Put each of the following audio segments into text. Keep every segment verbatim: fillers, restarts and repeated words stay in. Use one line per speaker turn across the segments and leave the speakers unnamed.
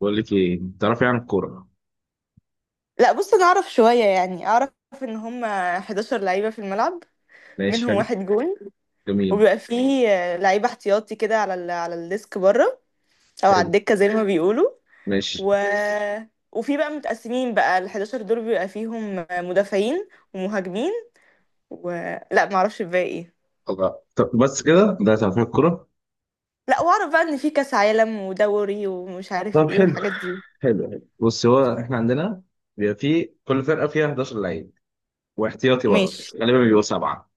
بقول لك ايه تعرفي عن الكوره؟
لا، بص انا اعرف شوية، يعني اعرف ان هم حداشر لعيبة في الملعب
ماشي،
منهم
حلو.
واحد جون.
جميل.
وبيبقى فيه آه، لعيبة احتياطي كده على ال... على الديسك بره او على
حلو.
الدكة زي ما بيقولوا.
ماشي.
و... وفي بقى متقسمين بقى ال احداشر دول بيبقى فيهم مدافعين ومهاجمين و... لا، ما اعرفش الباقي ايه.
الله، طب بس كده ده تعرفي الكوره؟
لا، واعرف بقى ان في كاس عالم ودوري ومش عارف
طب
ايه
حلو.
والحاجات دي.
حلو، حلو، بص. هو احنا عندنا بيبقى في كل فرقه فيها حداشر لعيب، واحتياطي برضه
ماشي.
غالبا بيبقوا سبعه.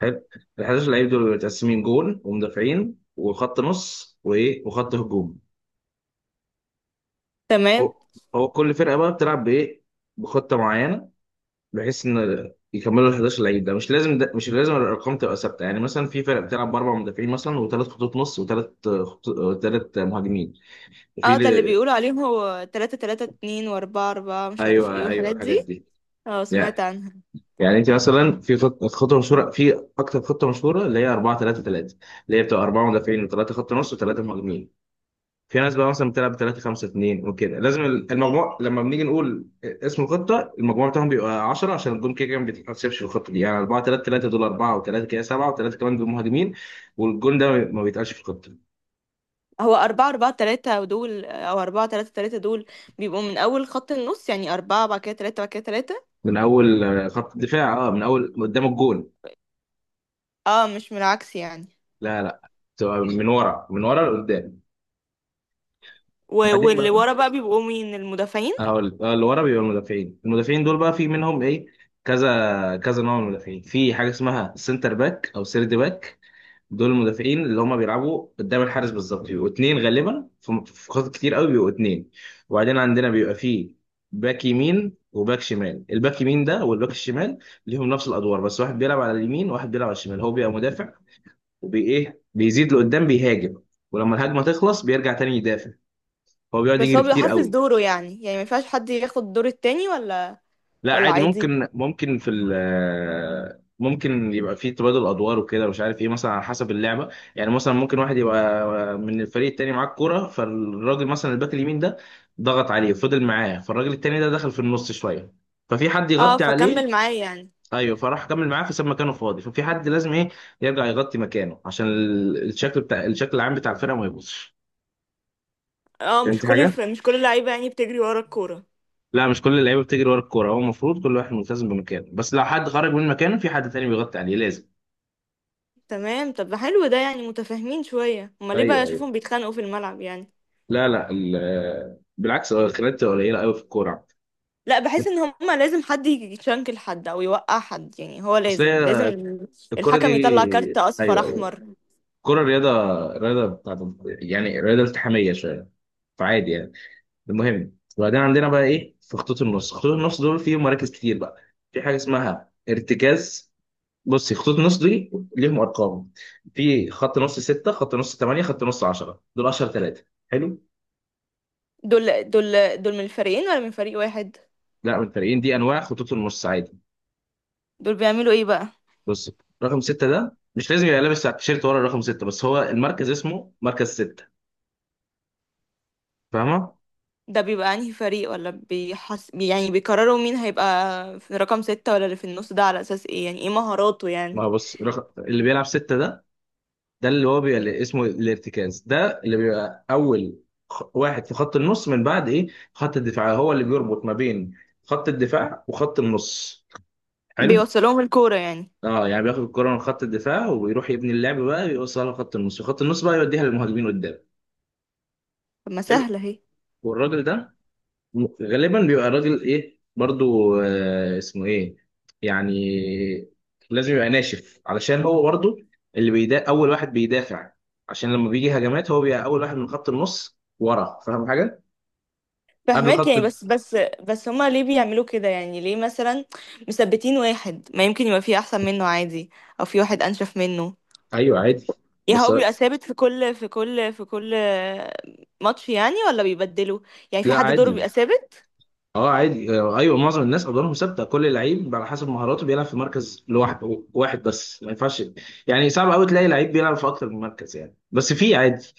حلو. ال حداشر لعيب دول بيبقوا متقسمين: جول، ومدافعين، وخط نص، وايه، وخط هجوم.
تمام.
هو هو كل فرقه بقى بتلعب بايه؟ بخطه معينه، بحيث ان يكملوا ال حداشر لعيب ده مش لازم ده مش لازم الارقام تبقى ثابته. يعني مثلا في فرق بتلعب باربع مدافعين مثلا، وثلاث خطوط نص، وثلاث وثلاث مهاجمين. وفي
اه، ده اللي
ل-
بيقولوا عليهم هو تلاتة تلاتة اتنين و4 اربعة مش عارف ايه
ايوه، ايوه،
والحاجات
الحاجات
دي.
دي.
اه، سمعت
يعني
عنها.
يعني انت مثلا في خط- خطه مشهوره، في اكتر خطه مشهوره اللي هي اربعة ثلاثة ثلاثة، اللي هي بتبقى اربعه مدافعين وثلاثه خط نص وثلاثه مهاجمين. في ناس بقى مثلا بتلعب ثلاثة خمسة اتنين وكده. لازم المجموع، لما بنيجي نقول اسم الخطه المجموع بتاعهم بيبقى عشرة، عشان الجون كده كده ما بيتحسبش في الخطه دي. يعني اربعة ثلاثة ثلاثة دول اربعة و3 كده سبعة، و3 كمان دول مهاجمين. والجون ده ما بيتقالش في الخطه.
هو أربعة أربعة تلاتة دول أو أربعة تلاتة تلاتة دول، بيبقوا من أول خط النص، يعني أربعة بعد كده تلاتة بعد كده تلاتة.
من اول آه، خط الدفاع. اه، من اول قدام الجون.
اه، مش من العكس يعني؟
لا، لا، بتبقى من ورا، من ورا لقدام.
و-
وبعدين
واللي
بقى
ورا بقى بيبقوا مين؟ المدافعين؟
هقول آه، اللي ورا بيبقى المدافعين المدافعين دول بقى في منهم ايه؟ كذا كذا نوع من المدافعين. في حاجه اسمها سنتر باك او سيرد باك، دول المدافعين اللي هم بيلعبوا قدام الحارس بالظبط، بيبقوا اتنين غالبا، في في خطط كتير قوي بيبقوا اتنين. وبعدين عندنا بيبقى فيه باك يمين وباك شمال. الباك يمين ده والباك الشمال ليهم نفس الادوار، بس واحد بيلعب على اليمين وواحد بيلعب على الشمال. هو بيبقى مدافع، وبي ايه، بيزيد لقدام بيهاجم، ولما الهجمه تخلص بيرجع تاني يدافع. هو بيقعد
بس
يجري
هو
كتير
بيحافظ
قوي.
دوره، يعني يعني ما ينفعش حد ياخد دور التاني، ولا؟
لا،
ولا،
عادي،
عادي.
ممكن ممكن في ال ممكن يبقى في تبادل ادوار وكده، مش عارف ايه، مثلا على حسب اللعبه. يعني مثلا ممكن واحد يبقى من الفريق التاني معاه الكوره، فالراجل مثلا الباك اليمين ده ضغط عليه وفضل معاه، فالراجل التاني ده دخل في النص شويه، ففي حد
اه،
يغطي عليه.
فكمل معايا يعني.
ايوه، فراح كمل معاه فساب مكانه فاضي، ففي حد لازم ايه يرجع يغطي مكانه، عشان ال- الشكل بتاع الشكل العام بتاع الفرقه ما يبوظش.
اه، مش
فهمت
كل
حاجه؟
الف... مش كل اللعيبة يعني بتجري ورا الكورة؟
لا، مش كل اللعيبه بتجري ورا الكوره. هو المفروض كل واحد ملتزم بمكانه، بس لو حد خرج من مكانه في حد تاني بيغطي عليه لازم.
تمام. طب حلو، ده يعني متفاهمين شوية، امال ليه بقى
ايوه، ايوه.
اشوفهم بيتخانقوا في الملعب يعني؟
لا، لا، ال- بالعكس، هو الخناقات بتبقى قليله قوي في الكوره.
لا، بحس ان هما لازم حد يشنكل حد او يوقع حد، يعني هو
اصل
لازم لازم
هي
ال-
الكوره دي.
الحكم يطلع كارت اصفر
ايوه، ايوه،
احمر.
الكوره رياضه، رياضه بتاعت، يعني رياضه التحاميه شويه، فعادي يعني. المهم، وبعدين عندنا بقى ايه، في خطوط النص. خطوط النص دول فيهم مراكز كتير بقى. في حاجه اسمها ارتكاز. بصي، خطوط النص دي ليهم ارقام. في خط نص ستة، خط نص ثمانية، خط نص عشرة، دول اشهر ثلاثه. حلو.
دول دول دول من الفريقين ولا من فريق واحد؟
لا، من الفريقين، دي انواع خطوط النص عادي.
دول بيعملوا ايه بقى؟
بص، رقم ستة ده مش لازم يبقى لابس تيشيرت ورا رقم ستة، بس هو المركز اسمه مركز ستة. فاهمة؟
ده بيبقى انهي فريق، ولا بيحس يعني بيقرروا مين هيبقى في رقم ستة ولا اللي في النص ده؟ على اساس ايه؟ يعني ايه، مهاراته
ما
يعني؟
هو بص، رقم اللي بيلعب ستة ده، ده اللي هو بيبقى اللي اسمه الارتكاز، ده اللي بيبقى أول خ- واحد في خط النص من بعد إيه، خط الدفاع. هو اللي بيربط ما بين خط الدفاع وخط النص. حلو؟
بيوصلهم الكورة يعني؟
اه، يعني بياخد الكرة من خط الدفاع وبيروح يبني اللعب بقى، يوصلها لخط النص، وخط النص بقى يوديها للمهاجمين قدام.
طب ما
حلو.
سهلة اهي.
والراجل ده غالبا بيبقى الراجل ايه برضو، آه اسمه ايه، يعني لازم يبقى ناشف، علشان هو برضو اللي بيدا اول واحد بيدافع. عشان لما بيجي هجمات هو بيبقى اول واحد من خط النص ورا. فاهم حاجه؟ قبل
فهماك
خط.
يعني، بس بس بس هما ليه بيعملوا كده، يعني ليه مثلا مثبتين واحد؟ ما يمكن يبقى فيه احسن منه عادي، او في واحد انشف منه.
ايوه، عادي،
يعني
بس.
هو بيبقى ثابت في كل في كل في كل ماتش يعني، ولا بيبدلوا؟ يعني في
لا،
حد دوره
عادي.
بيبقى ثابت؟
اه، عادي، آه، ايوه، معظم الناس ادوارهم ثابته. كل لعيب على حسب مهاراته بيلعب في مركز لوحده، واحد بس ما ينفعش. يعني صعب قوي تلاقي لعيب بيلعب في اكتر من مركز، يعني بس في عادي.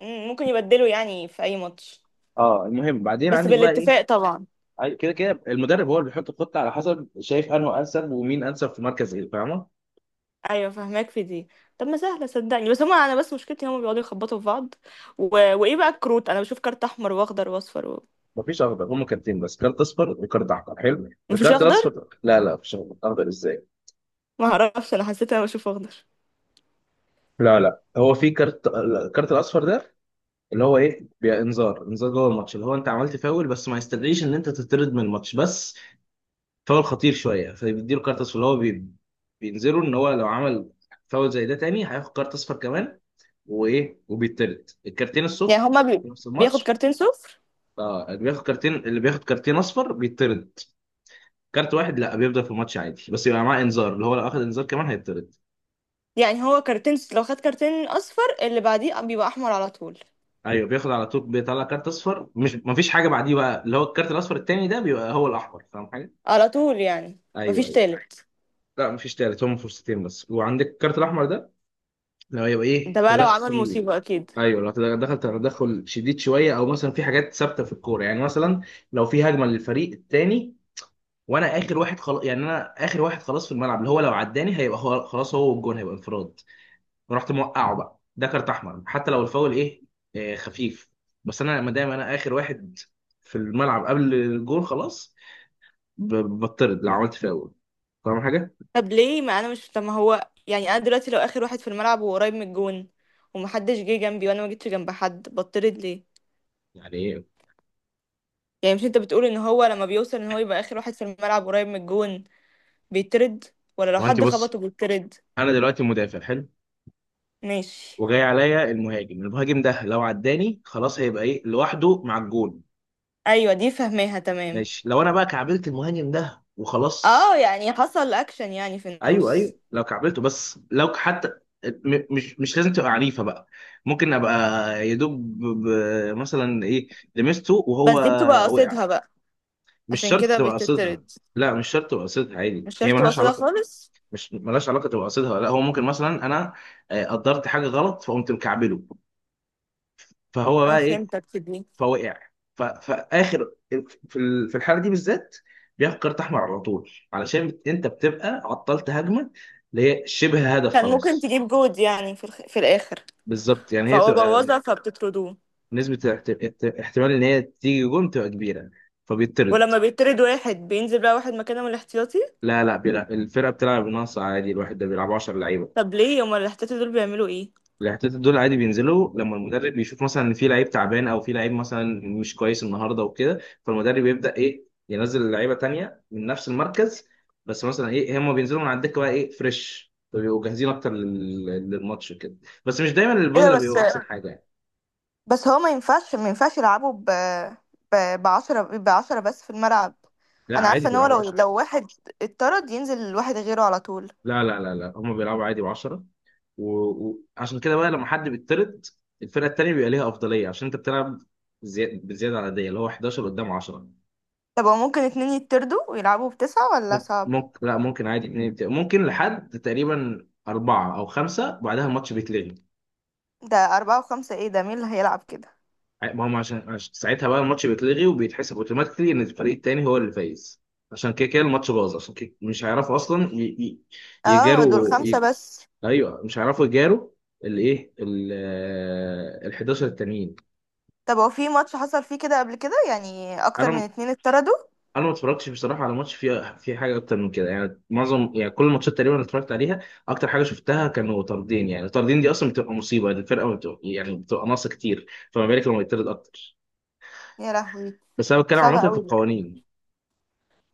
مم، ممكن يبدلوا يعني في اي ماتش؟
اه، المهم بعدين
بس
عندك بقى
بالاتفاق
ايه.
طبعا.
أي- كده كده المدرب هو اللي بيحط الخطه على حسب شايف انه انسب، ومين انسب في مركز ايه، فاهمه.
ايوه، فهماك في دي. طب ما سهله صدقني، بس هما انا بس مشكلتي هما بيقعدوا يخبطوا في بعض. و... وايه بقى الكروت؟ انا بشوف كارت احمر واخضر واصفر و...
مفيش اخضر. هم كارتين بس، كارت اصفر وكارت احمر. حلو،
مفيش
الكارت
اخضر؟
الاصفر. لا، لا، مفيش اخضر. اخضر ازاي؟
ما اعرفش، انا حسيت انا بشوف اخضر.
لا، لا، هو في كارت، الكارت الاصفر ده اللي هو ايه، بي- انذار انذار جوه الماتش، اللي هو انت عملت فاول بس ما يستدعيش ان انت تطرد من الماتش، بس فاول خطير شويه، فبيديله كارت اصفر اللي هو بي... بينذره ان هو لو عمل فاول زي ده تاني هياخد كارت اصفر كمان، وايه، وبيطرد الكارتين
يعني
الصفر
هما بي...
في نفس
بياخد
الماتش.
كارتين صفر؟
اه، اللي بياخد كارتين اللي بياخد كارتين اصفر بيطرد. كارت واحد لا، بيفضل في الماتش عادي، بس يبقى معاه انذار، اللي هو لو اخد انذار كمان هيطرد.
يعني هو كارتين، لو خد كارتين اصفر اللي بعديه بيبقى احمر على طول؟
ايوه، بياخد على طول، بيطلع كارت اصفر، مش مفيش حاجه بعديه بقى، اللي هو الكارت الاصفر التاني ده بيبقى هو الاحمر. فاهم حاجه؟
على طول يعني؟
ايوه،
مفيش
ايوه.
تالت؟
لا، مفيش تالت، هم فرصتين بس. وعندك الكارت الاحمر ده لو يبقى ايه،
ده بقى لو عمل
تدخل.
مصيبة أكيد.
ايوه، لو تدخل، تدخل شديد شويه، او مثلا في حاجات ثابته في الكوره، يعني مثلا لو في هجمه للفريق التاني وانا اخر واحد خلاص، يعني انا اخر واحد خلاص في الملعب، اللي هو لو عداني هيبقى هو خلاص، هو والجون هيبقى انفراد. رحت موقعه بقى، ده كارت احمر حتى لو الفاول ايه، آه خفيف، بس انا ما دام انا اخر واحد في الملعب قبل الجون خلاص، ب- بطرد لو عملت فاول. فاهم حاجه؟
طب ليه ما أنا مش طب ما هو يعني، أنا دلوقتي لو آخر واحد في الملعب وقريب من الجون ومحدش جه جنبي وأنا ما جيتش جنب حد، بطرد ليه؟
يعني ايه؟
يعني مش أنت بتقول إن هو لما بيوصل إن هو يبقى آخر واحد في الملعب قريب من الجون بيترد، ولا لو
هو انت
حد
بص،
خبطه بيترد؟
انا دلوقتي مدافع. حلو.
ماشي.
وجاي عليا المهاجم، المهاجم ده لو عداني خلاص هيبقى ايه، لوحده مع الجون.
أيوة، دي فهماها تمام.
ماشي، لو انا بقى كعبلت المهاجم ده
اه،
وخلاص.
يعني حصل أكشن يعني في
ايوه، ايوه،
النص.
لو كعبلته، بس لو حتى م- مش مش لازم تبقى عنيفه بقى، ممكن ابقى يدوب مثلا ايه، لمسته وهو
بس دي بتبقى
وقع.
قصدها بقى؟
مش
عشان
شرط
كده
تبقى قصدها.
بتترد؟
لا، مش شرط تبقى قصدها، عادي
مش
هي
شرط
ملهاش
قصدها
علاقه.
خالص.
مش، ملهاش علاقه تبقى قصدها. لا، هو ممكن مثلا انا آه، قدرت حاجه غلط فقمت مكعبله، فهو
اه،
بقى ايه،
فهمتك في دي.
فوقع، ف- فاخر في ال- في الحاله دي بالذات بياخد كارت احمر على طول، علشان انت بتبقى عطلت هجمه اللي هي شبه هدف
كان ممكن
خلاص.
تجيب جود يعني في الخ... في الآخر.
بالظبط، يعني هي
فهو
بتبقى
بوظها فبتطردوه.
نسبة احت- احت- احتمال إن هي تيجي جون بتبقى كبيرة، فبيطرد.
ولما بيطرد واحد، بينزل بقى واحد مكانه من الاحتياطي؟
لا، لا، بيلعب، الفرقة بتلعب بناقص عادي، الواحد ده بيلعب عشرة لعيبة.
طب ليه هما الاحتياطي دول بيعملوا ايه؟
الاحتياطات دول عادي بينزلوا لما المدرب بيشوف مثلا إن في لعيب تعبان، أو في لعيب مثلا مش كويس النهاردة وكده، فالمدرب يبدأ إيه ينزل لعيبة تانية من نفس المركز، بس مثلا إيه هم بينزلوا من على الدكة بقى إيه فريش، فبيبقوا جاهزين أكتر لل- للماتش كده. بس مش دايما
ايه ده
البودلة
بس؟
بيبقوا أحسن حاجة يعني.
بس هو ما ينفعش ما ينفعش يلعبوا ب ب بعشرة بعشرة بس في الملعب.
لا،
انا
عادي،
عارفه ان هو
بيلعبوا
لو
عشرة.
لو واحد اتطرد ينزل واحد غيره على طول.
لا، لا، لا، لا، هم بيلعبوا عادي بعشرة. و- وعشان كده بقى لما حد بيطرد الفرقه التانيه بيبقى ليها افضليه، عشان انت بتلعب زي... بزياده عدديه، اللي هو حداشر قدام عشرة.
طب هو ممكن اتنين يتطردوا ويلعبوا بتسعة، ولا
ممكن،
صعب؟
ممكن لا، ممكن عادي اتنين، بت- ممكن لحد تقريبا أربعة أو خمسة بعدها الماتش بيتلغي.
ده أربعة وخمسة ايه ده؟ مين اللي هيلعب كده؟
ع- ما هم عشان, عشان, ساعتها بقى الماتش بيتلغي، وبيتحسب اوتوماتيكلي إن الفريق التاني هو اللي فايز، عشان كده كده الماتش باظ، عشان كده مش هيعرفوا أصلا ي... ي...
اه، دول
يجاروا
خمسة
ي...
بس.
أيوه، مش هيعرفوا يجاروا الإيه، ال حداشر التانيين.
طب هو في ماتش حصل فيه كده قبل كده، يعني اكتر من
انا
اتنين اتطردوا؟
انا ما اتفرجتش بصراحه على ماتش فيه فيه حاجه اكتر من كده، يعني معظم، يعني كل الماتشات تقريبا اللي اتفرجت عليها اكتر حاجه شفتها كانوا طاردين. يعني الطاردين دي اصلا بتبقى مصيبه، يعني الفرقه ما بتبقى، يعني بتبقى ناقصه كتير، فما بالك لما يطرد اكتر.
يا لهوي.
بس انا بتكلم عامه
صعب
في
قوي.
القوانين.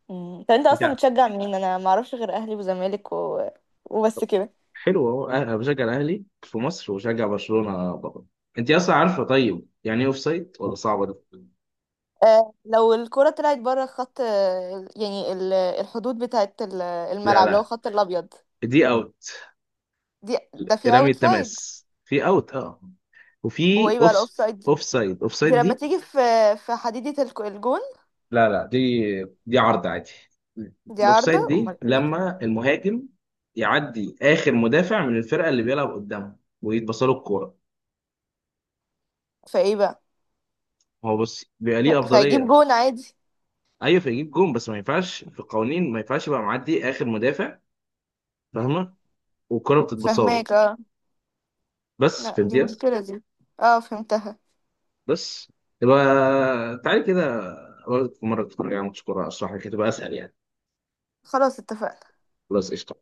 مم. طب انت
انت.
اصلا بتشجع مين؟ انا ما اعرفش غير اهلي وزمالك و... وبس كده.
حلو اهو، أه، انا بشجع الاهلي في مصر وبشجع برشلونه بره. انت اصلا عارفه طيب يعني ايه اوف سايد، ولا صعبه دي؟
آه، لو الكرة طلعت بره خط، آه، يعني ال- الحدود بتاعت ال-
لا،
الملعب اللي هو
لا،
خط الابيض.
دي اوت.
دي ده في
رمي
اوت سايد؟
التماس في اوت، اه. وفي
وايه بقى
اوف.
الاوف سايد؟
اوف سايد، اوف
دي
سايد
لما
دي.
تيجي في في حديدة الك- الجون.
لا، لا، دي، دي عرض عادي.
دي عارضة،
الاوفسايد
امال
دي
ايه؟
لما المهاجم يعدي اخر مدافع من الفرقه اللي بيلعب قدامه ويتبص له الكوره.
فايه بقى؟
هو بص بيبقى ليه
فهيجيب
افضليه.
جون عادي؟
ايوه، فيجيب جون، بس ما ينفعش في القوانين، ما ينفعش يبقى معدي اخر مدافع، فاهمه، والكوره بتتبص له.
فهماك اه.
بس
لا، دي
فهمتيها.
مشكلة دي. اه، فهمتها.
بس، يبقى تعالي كده أقول لك، في مره تتفرج على ماتش كوره اشرح لك هتبقى اسهل يعني.
خلاص، اتفقنا.
خلاص قشطه.